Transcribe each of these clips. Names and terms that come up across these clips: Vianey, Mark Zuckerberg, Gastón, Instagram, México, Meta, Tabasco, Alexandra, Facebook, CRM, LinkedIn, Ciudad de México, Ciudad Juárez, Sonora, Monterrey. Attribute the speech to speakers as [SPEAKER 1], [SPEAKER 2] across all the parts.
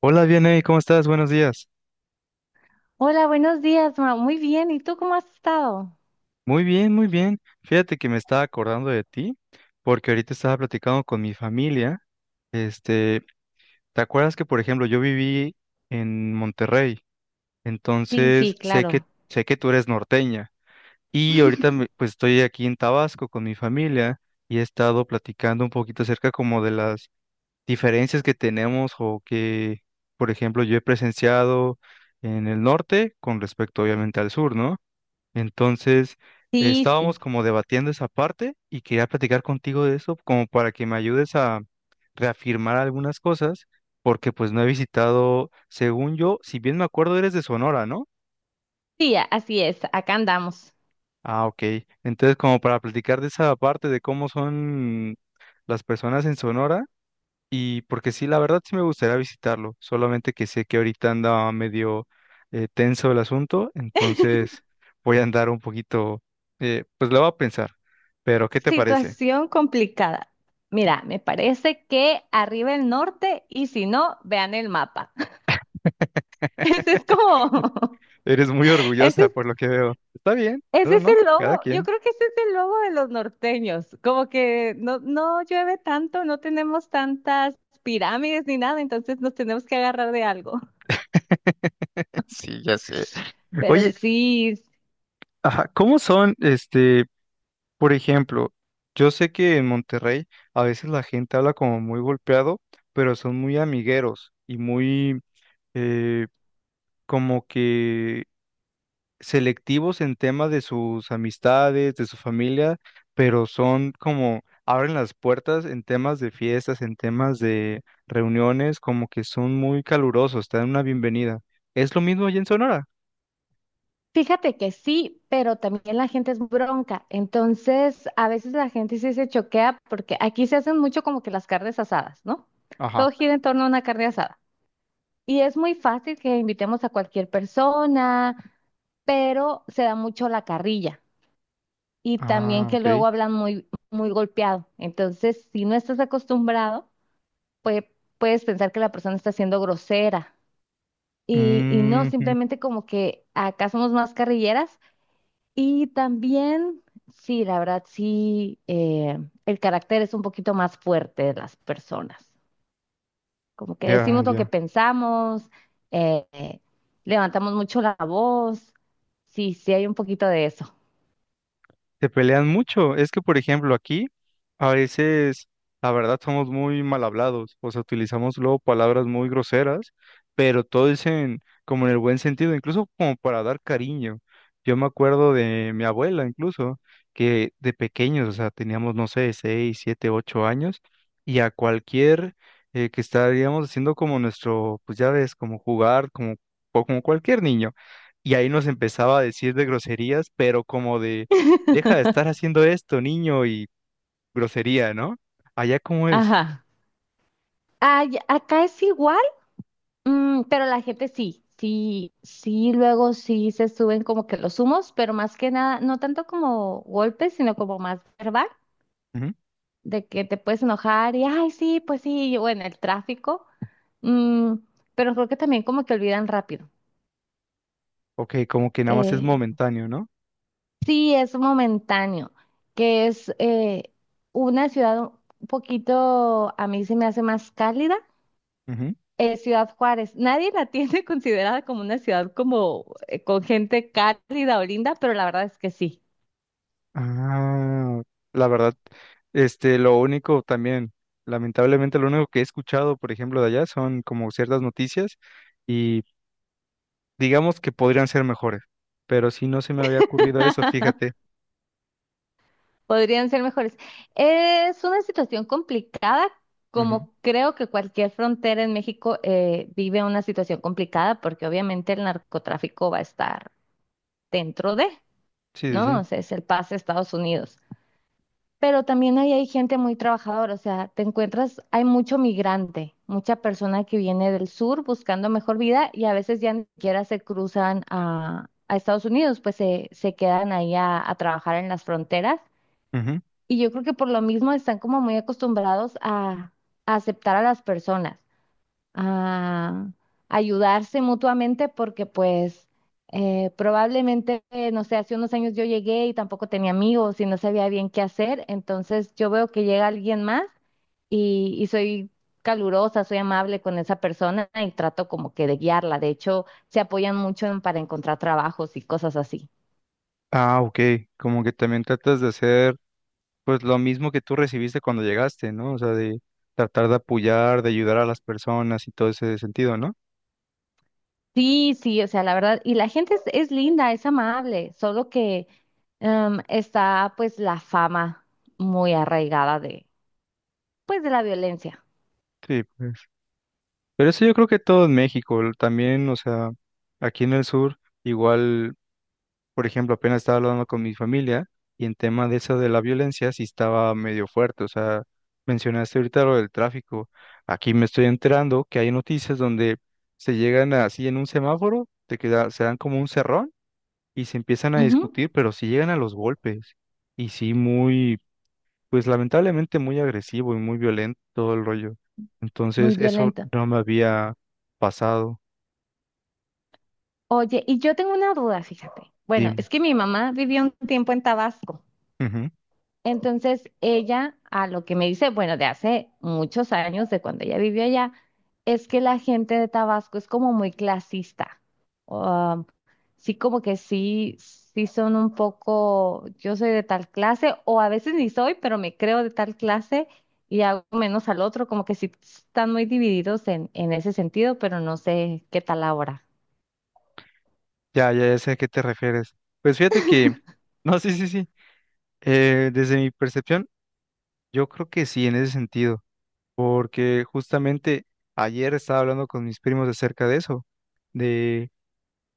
[SPEAKER 1] Hola, Vianey, ¿cómo estás? Buenos días.
[SPEAKER 2] Hola, buenos días, ma. Muy bien. ¿Y tú cómo has estado?
[SPEAKER 1] Muy bien, muy bien. Fíjate que me estaba acordando de ti, porque ahorita estaba platicando con mi familia. Este, ¿Te acuerdas que, por ejemplo, yo viví en Monterrey?
[SPEAKER 2] Sí, sí,
[SPEAKER 1] Entonces,
[SPEAKER 2] claro.
[SPEAKER 1] sé que tú eres norteña. Y ahorita, pues, estoy aquí en Tabasco con mi familia y he estado platicando un poquito acerca como de las diferencias que tenemos o que, por ejemplo, yo he presenciado en el norte con respecto, obviamente, al sur, ¿no? Entonces,
[SPEAKER 2] Sí, sí.
[SPEAKER 1] estábamos como debatiendo esa parte y quería platicar contigo de eso como para que me ayudes a reafirmar algunas cosas, porque pues no he visitado, según yo, si bien me acuerdo, eres de Sonora, ¿no?
[SPEAKER 2] Sí, así es. Acá andamos.
[SPEAKER 1] Ah, ok. Entonces, como para platicar de esa parte de cómo son las personas en Sonora. Y porque sí, la verdad sí me gustaría visitarlo, solamente que sé que ahorita anda medio tenso el asunto, entonces voy a andar un poquito, pues lo voy a pensar, pero ¿qué te parece?
[SPEAKER 2] Situación complicada. Mira, me parece que arriba el norte y si no, vean el mapa. Ese es como,
[SPEAKER 1] Eres muy
[SPEAKER 2] ese
[SPEAKER 1] orgullosa
[SPEAKER 2] es,
[SPEAKER 1] por lo que veo. Está bien, no,
[SPEAKER 2] ese
[SPEAKER 1] no,
[SPEAKER 2] es
[SPEAKER 1] no,
[SPEAKER 2] el
[SPEAKER 1] cada
[SPEAKER 2] logo. Yo
[SPEAKER 1] quien.
[SPEAKER 2] creo que ese es el logo de los norteños. Como que no llueve tanto, no tenemos tantas pirámides ni nada, entonces nos tenemos que agarrar de algo.
[SPEAKER 1] Sí, ya sé.
[SPEAKER 2] Pero
[SPEAKER 1] Oye,
[SPEAKER 2] sí.
[SPEAKER 1] ajá, ¿cómo son, por ejemplo, yo sé que en Monterrey a veces la gente habla como muy golpeado, pero son muy amigueros y eh, como que selectivos en tema de sus amistades, de su familia, pero son como abren las puertas en temas de fiestas, en temas de reuniones, como que son muy calurosos, te dan una bienvenida. ¿Es lo mismo allá en Sonora?
[SPEAKER 2] Fíjate que sí, pero también la gente es bronca. Entonces, a veces la gente sí se choquea porque aquí se hacen mucho como que las carnes asadas, ¿no?
[SPEAKER 1] Ajá.
[SPEAKER 2] Todo gira en torno a una carne asada. Y es muy fácil que invitemos a cualquier persona, pero se da mucho la carrilla. Y también
[SPEAKER 1] Ah,
[SPEAKER 2] que
[SPEAKER 1] ok.
[SPEAKER 2] luego hablan muy, muy golpeado. Entonces, si no estás acostumbrado, pues puedes pensar que la persona está siendo grosera. Y no,
[SPEAKER 1] Mm,
[SPEAKER 2] simplemente como que acá somos más carrilleras. Y también, sí, la verdad, sí, el carácter es un poquito más fuerte de las personas. Como que
[SPEAKER 1] ya,
[SPEAKER 2] decimos lo que
[SPEAKER 1] ya.
[SPEAKER 2] pensamos, eh, eh, levantamos mucho la voz. Sí, sí, hay un poquito de eso.
[SPEAKER 1] Se pelean mucho. Es que, por ejemplo, aquí a veces, la verdad, somos muy mal hablados. O sea, utilizamos luego palabras muy groseras, pero todo es en, como en el buen sentido, incluso como para dar cariño. Yo me acuerdo de mi abuela, incluso, que de pequeños, o sea, teníamos, no sé, seis, siete, ocho años, y a cualquier, que estaríamos haciendo como nuestro, pues ya ves, como jugar, como, o como cualquier niño. Y ahí nos empezaba a decir de groserías, pero como de deja de estar haciendo esto, niño, y grosería, ¿no? Allá cómo es.
[SPEAKER 2] Ajá. Ay, acá es igual, mm, pero la gente sí, sí, sí, luego sí se suben como que los humos, pero más que nada, no tanto como golpes, sino como más verbal.
[SPEAKER 1] Ujú.
[SPEAKER 2] De que te puedes enojar y, ay, sí, pues sí, yo, bueno, el tráfico, mm, pero creo que también como que olvidan rápido.
[SPEAKER 1] Ok, como que nada más es
[SPEAKER 2] Eh,
[SPEAKER 1] momentáneo, ¿no?
[SPEAKER 2] sí, es momentáneo, que es una ciudad un poquito, a mí se me hace más cálida,
[SPEAKER 1] Ujú.
[SPEAKER 2] Ciudad Juárez. Nadie la tiene considerada como una ciudad como con gente cálida o linda, pero la verdad es que sí.
[SPEAKER 1] Ah, la verdad, lo único también, lamentablemente lo único que he escuchado, por ejemplo, de allá son como ciertas noticias y digamos que podrían ser mejores, pero si no se me había ocurrido eso, fíjate.
[SPEAKER 2] Podrían ser mejores. Es una situación complicada,
[SPEAKER 1] Ujú.
[SPEAKER 2] como creo que cualquier frontera en México vive una situación complicada, porque obviamente el narcotráfico va a estar dentro de,
[SPEAKER 1] Sí, sí,
[SPEAKER 2] ¿no?
[SPEAKER 1] sí.
[SPEAKER 2] O sea, es el pase a Estados Unidos. Pero también ahí hay gente muy trabajadora, o sea, te encuentras, hay mucho migrante, mucha persona que viene del sur buscando mejor vida y a veces ya ni siquiera se cruzan a Estados Unidos, pues se quedan ahí a trabajar en las fronteras
[SPEAKER 1] Ujú.
[SPEAKER 2] y yo creo que por lo mismo están como muy acostumbrados a aceptar a las personas, a ayudarse mutuamente, porque pues probablemente, no sé, hace unos años yo llegué y tampoco tenía amigos y no sabía bien qué hacer, entonces yo veo que llega alguien más y soy calurosa, soy amable con esa persona y trato como que de guiarla. De hecho, se apoyan mucho para encontrar trabajos y cosas así.
[SPEAKER 1] Ah, ok, como que también tratas de hacer pues lo mismo que tú recibiste cuando llegaste, ¿no? O sea, de tratar de apoyar, de ayudar a las personas y todo ese sentido, ¿no?
[SPEAKER 2] Sí, sí, o sea, la verdad, y la gente es linda, es amable, solo que está pues la fama muy arraigada de, pues de la violencia.
[SPEAKER 1] Sí, pues. Pero eso yo creo que todo en México, también, o sea, aquí en el sur, igual, por ejemplo, apenas estaba hablando con mi familia y en tema de eso de la violencia sí estaba medio fuerte, o sea, mencionaste ahorita lo del tráfico. Aquí me estoy enterando que hay noticias donde se llegan así en un semáforo, de que se dan como un cerrón y se empiezan a
[SPEAKER 2] Ujú,
[SPEAKER 1] discutir, pero si llegan a los golpes. Y sí, muy, pues lamentablemente muy agresivo y muy violento todo el rollo.
[SPEAKER 2] muy
[SPEAKER 1] Entonces, eso
[SPEAKER 2] violenta.
[SPEAKER 1] no me había pasado.
[SPEAKER 2] Oye, y yo tengo una duda, fíjate. Bueno,
[SPEAKER 1] Dime.
[SPEAKER 2] es que mi mamá vivió un tiempo en Tabasco.
[SPEAKER 1] Ujú.
[SPEAKER 2] Entonces ella, a lo que me dice, bueno, de hace muchos años, de cuando ella vivió allá, es que la gente de Tabasco es como muy clasista. Um, sí, como que sí, sí son un poco, yo soy de tal clase, o a veces ni soy, pero me creo de tal clase y hago menos al otro, como que sí están muy divididos en ese sentido, pero no sé qué tal ahora.
[SPEAKER 1] Ya, ya, ya sé a qué te refieres. Pues fíjate que, no, sí, sí, sí. Desde mi percepción, yo creo que sí, en ese sentido, porque justamente ayer estaba hablando con mis primos acerca de eso, de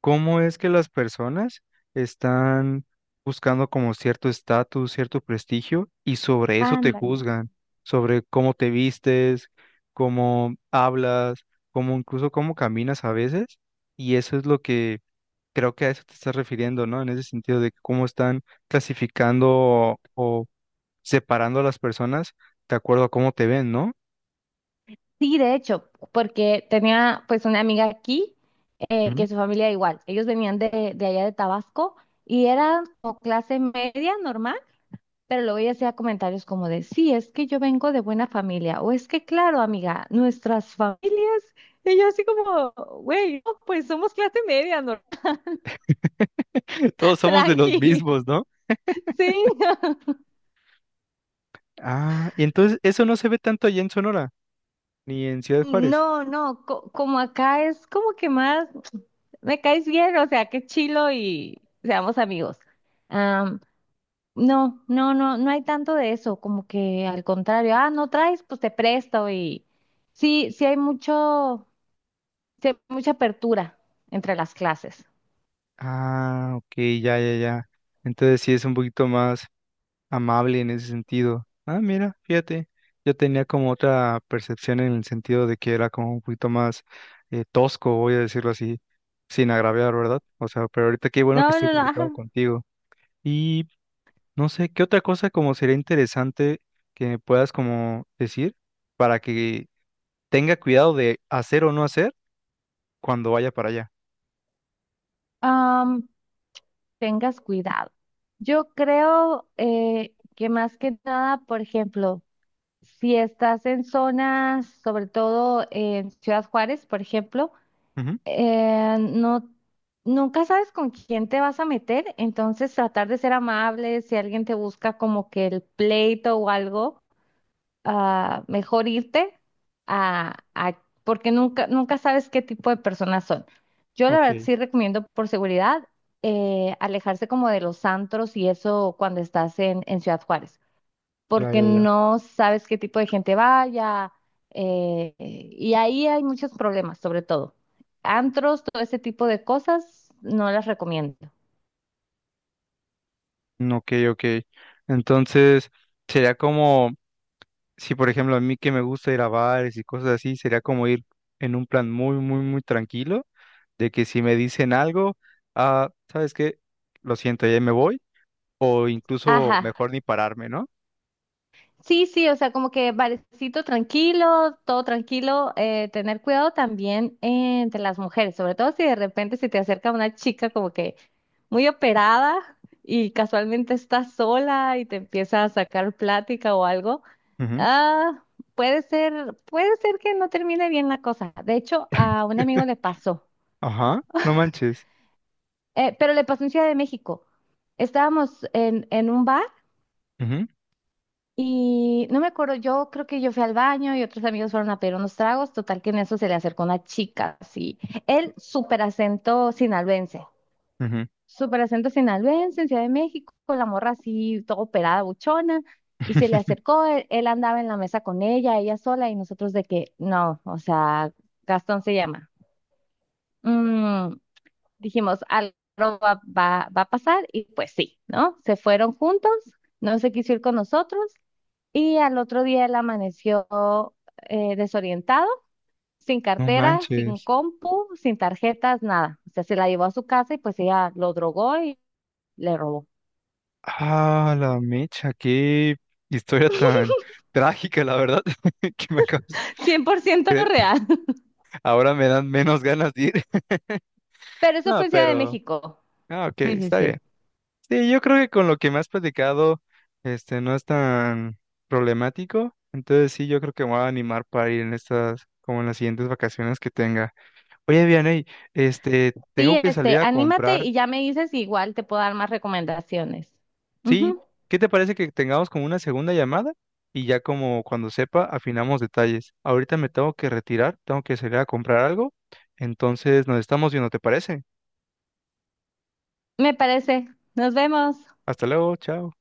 [SPEAKER 1] cómo es que las personas están buscando como cierto estatus, cierto prestigio, y sobre eso te
[SPEAKER 2] Ándale.
[SPEAKER 1] juzgan, sobre cómo te vistes, cómo hablas, cómo incluso cómo caminas a veces, y eso es lo que creo que a eso te estás refiriendo, ¿no? En ese sentido de cómo están clasificando o separando a las personas de acuerdo a cómo te ven, ¿no?
[SPEAKER 2] Sí, de hecho, porque tenía pues una amiga aquí
[SPEAKER 1] Ujú.
[SPEAKER 2] que su familia igual, ellos venían de allá de Tabasco y eran como clase media normal, pero luego ella hacía comentarios como de, sí, es que yo vengo de buena familia, o es que claro, amiga, nuestras familias, y yo así como, güey, no, pues somos clase media normal,
[SPEAKER 1] Todos somos de los
[SPEAKER 2] tranqui,
[SPEAKER 1] mismos, ¿no?
[SPEAKER 2] sí.
[SPEAKER 1] Ah, y entonces eso no se ve tanto allá en Sonora, ni en Ciudad Juárez.
[SPEAKER 2] No, como acá es como que más, me caes bien, o sea, qué chilo y seamos amigos. No, no, no, no hay tanto de eso, como que al contrario, ah, no traes, pues te presto y sí, sí hay mucho, sí hay mucha apertura entre las clases.
[SPEAKER 1] Ah, ok, ya, ya, ya. Entonces sí es un poquito más amable en ese sentido. Ah, mira, fíjate, yo tenía como otra percepción en el sentido de que era como un poquito más tosco, voy a decirlo así, sin agraviar, ¿verdad? O sea, pero ahorita qué bueno que
[SPEAKER 2] No,
[SPEAKER 1] estoy
[SPEAKER 2] no, no,
[SPEAKER 1] platicando
[SPEAKER 2] ajá.
[SPEAKER 1] contigo. Y no sé, ¿qué otra cosa como sería interesante que me puedas como decir para que tenga cuidado de hacer o no hacer cuando vaya para allá?
[SPEAKER 2] Am, Tengas cuidado. Yo creo que más que nada, por ejemplo, si estás en zonas, sobre todo en Ciudad Juárez, por ejemplo,
[SPEAKER 1] Ujú.
[SPEAKER 2] no, nunca sabes con quién te vas a meter, entonces tratar de ser amable, si alguien te busca como que el pleito o algo, ah, mejor irte porque nunca, nunca sabes qué tipo de personas son. Yo la
[SPEAKER 1] Ok,
[SPEAKER 2] verdad sí recomiendo por seguridad alejarse como de los antros y eso cuando estás en Ciudad Juárez
[SPEAKER 1] ya,
[SPEAKER 2] porque
[SPEAKER 1] ya, ya.
[SPEAKER 2] no sabes qué tipo de gente vaya, y ahí hay muchos problemas, sobre todo. Antros, todo ese tipo de cosas, no las recomiendo.
[SPEAKER 1] Ok, ok. Entonces, sería como, si por ejemplo a mí que me gusta ir a bares y cosas así, sería como ir en un plan muy, muy, muy tranquilo, de que si me dicen algo, ah, ¿sabes qué? Lo siento, ya me voy, o incluso
[SPEAKER 2] Ajá,
[SPEAKER 1] mejor ni pararme, ¿no?
[SPEAKER 2] sí, sí, o sea, como que barecito tranquilo, todo tranquilo, tener cuidado también entre las mujeres, sobre todo si de repente se te acerca una chica como que muy operada y casualmente estás sola y te empieza a sacar plática o algo,
[SPEAKER 1] Ujú.
[SPEAKER 2] ah, puede ser que no termine bien la cosa. De hecho, a un amigo le pasó,
[SPEAKER 1] Ajá, no manches.
[SPEAKER 2] pero le pasó en Ciudad de México. Estábamos en un bar.
[SPEAKER 1] Ujú,
[SPEAKER 2] Y no me acuerdo, yo creo que yo fui al baño y otros amigos fueron a pedir unos tragos. Total que en eso se le acercó una chica, así. El súper acento sinaloense.
[SPEAKER 1] ujú.
[SPEAKER 2] Súper acento sinaloense en Ciudad de México, con la morra así, todo operada, buchona. Y se le acercó, él andaba en la mesa con ella, ella sola, y nosotros de que, no, o sea, Gastón se llama. Mm, dijimos, algo va, va a pasar, y pues sí, ¿no? Se fueron juntos, no se quiso ir con nosotros. Y al otro día él amaneció desorientado, sin
[SPEAKER 1] No
[SPEAKER 2] cartera, sin
[SPEAKER 1] manches.
[SPEAKER 2] compu, sin tarjetas, nada. O sea, se la llevó a su casa y pues ella lo drogó y le robó.
[SPEAKER 1] Ah, la mecha, qué historia tan trágica, la verdad, que me acabas.
[SPEAKER 2] 100% real.
[SPEAKER 1] Ahora me dan menos ganas de ir.
[SPEAKER 2] Pero eso
[SPEAKER 1] No,
[SPEAKER 2] fue en Ciudad de
[SPEAKER 1] pero,
[SPEAKER 2] México.
[SPEAKER 1] ah, ok,
[SPEAKER 2] Sí, sí,
[SPEAKER 1] está bien.
[SPEAKER 2] sí.
[SPEAKER 1] Sí, yo creo que con lo que me has platicado, no es tan problemático. Entonces sí, yo creo que me voy a animar para ir en estas, como en las siguientes vacaciones que tenga. Oye, Vianey,
[SPEAKER 2] Sí,
[SPEAKER 1] tengo que
[SPEAKER 2] este,
[SPEAKER 1] salir a
[SPEAKER 2] anímate
[SPEAKER 1] comprar.
[SPEAKER 2] y ya me dices, igual te puedo dar más recomendaciones.
[SPEAKER 1] Sí,
[SPEAKER 2] Ujú,
[SPEAKER 1] ¿qué te parece que tengamos como una segunda llamada? Y ya como cuando sepa, afinamos detalles. Ahorita me tengo que retirar, tengo que salir a comprar algo. Entonces nos estamos viendo, ¿te parece?
[SPEAKER 2] me parece. Nos vemos.
[SPEAKER 1] Hasta luego, chao.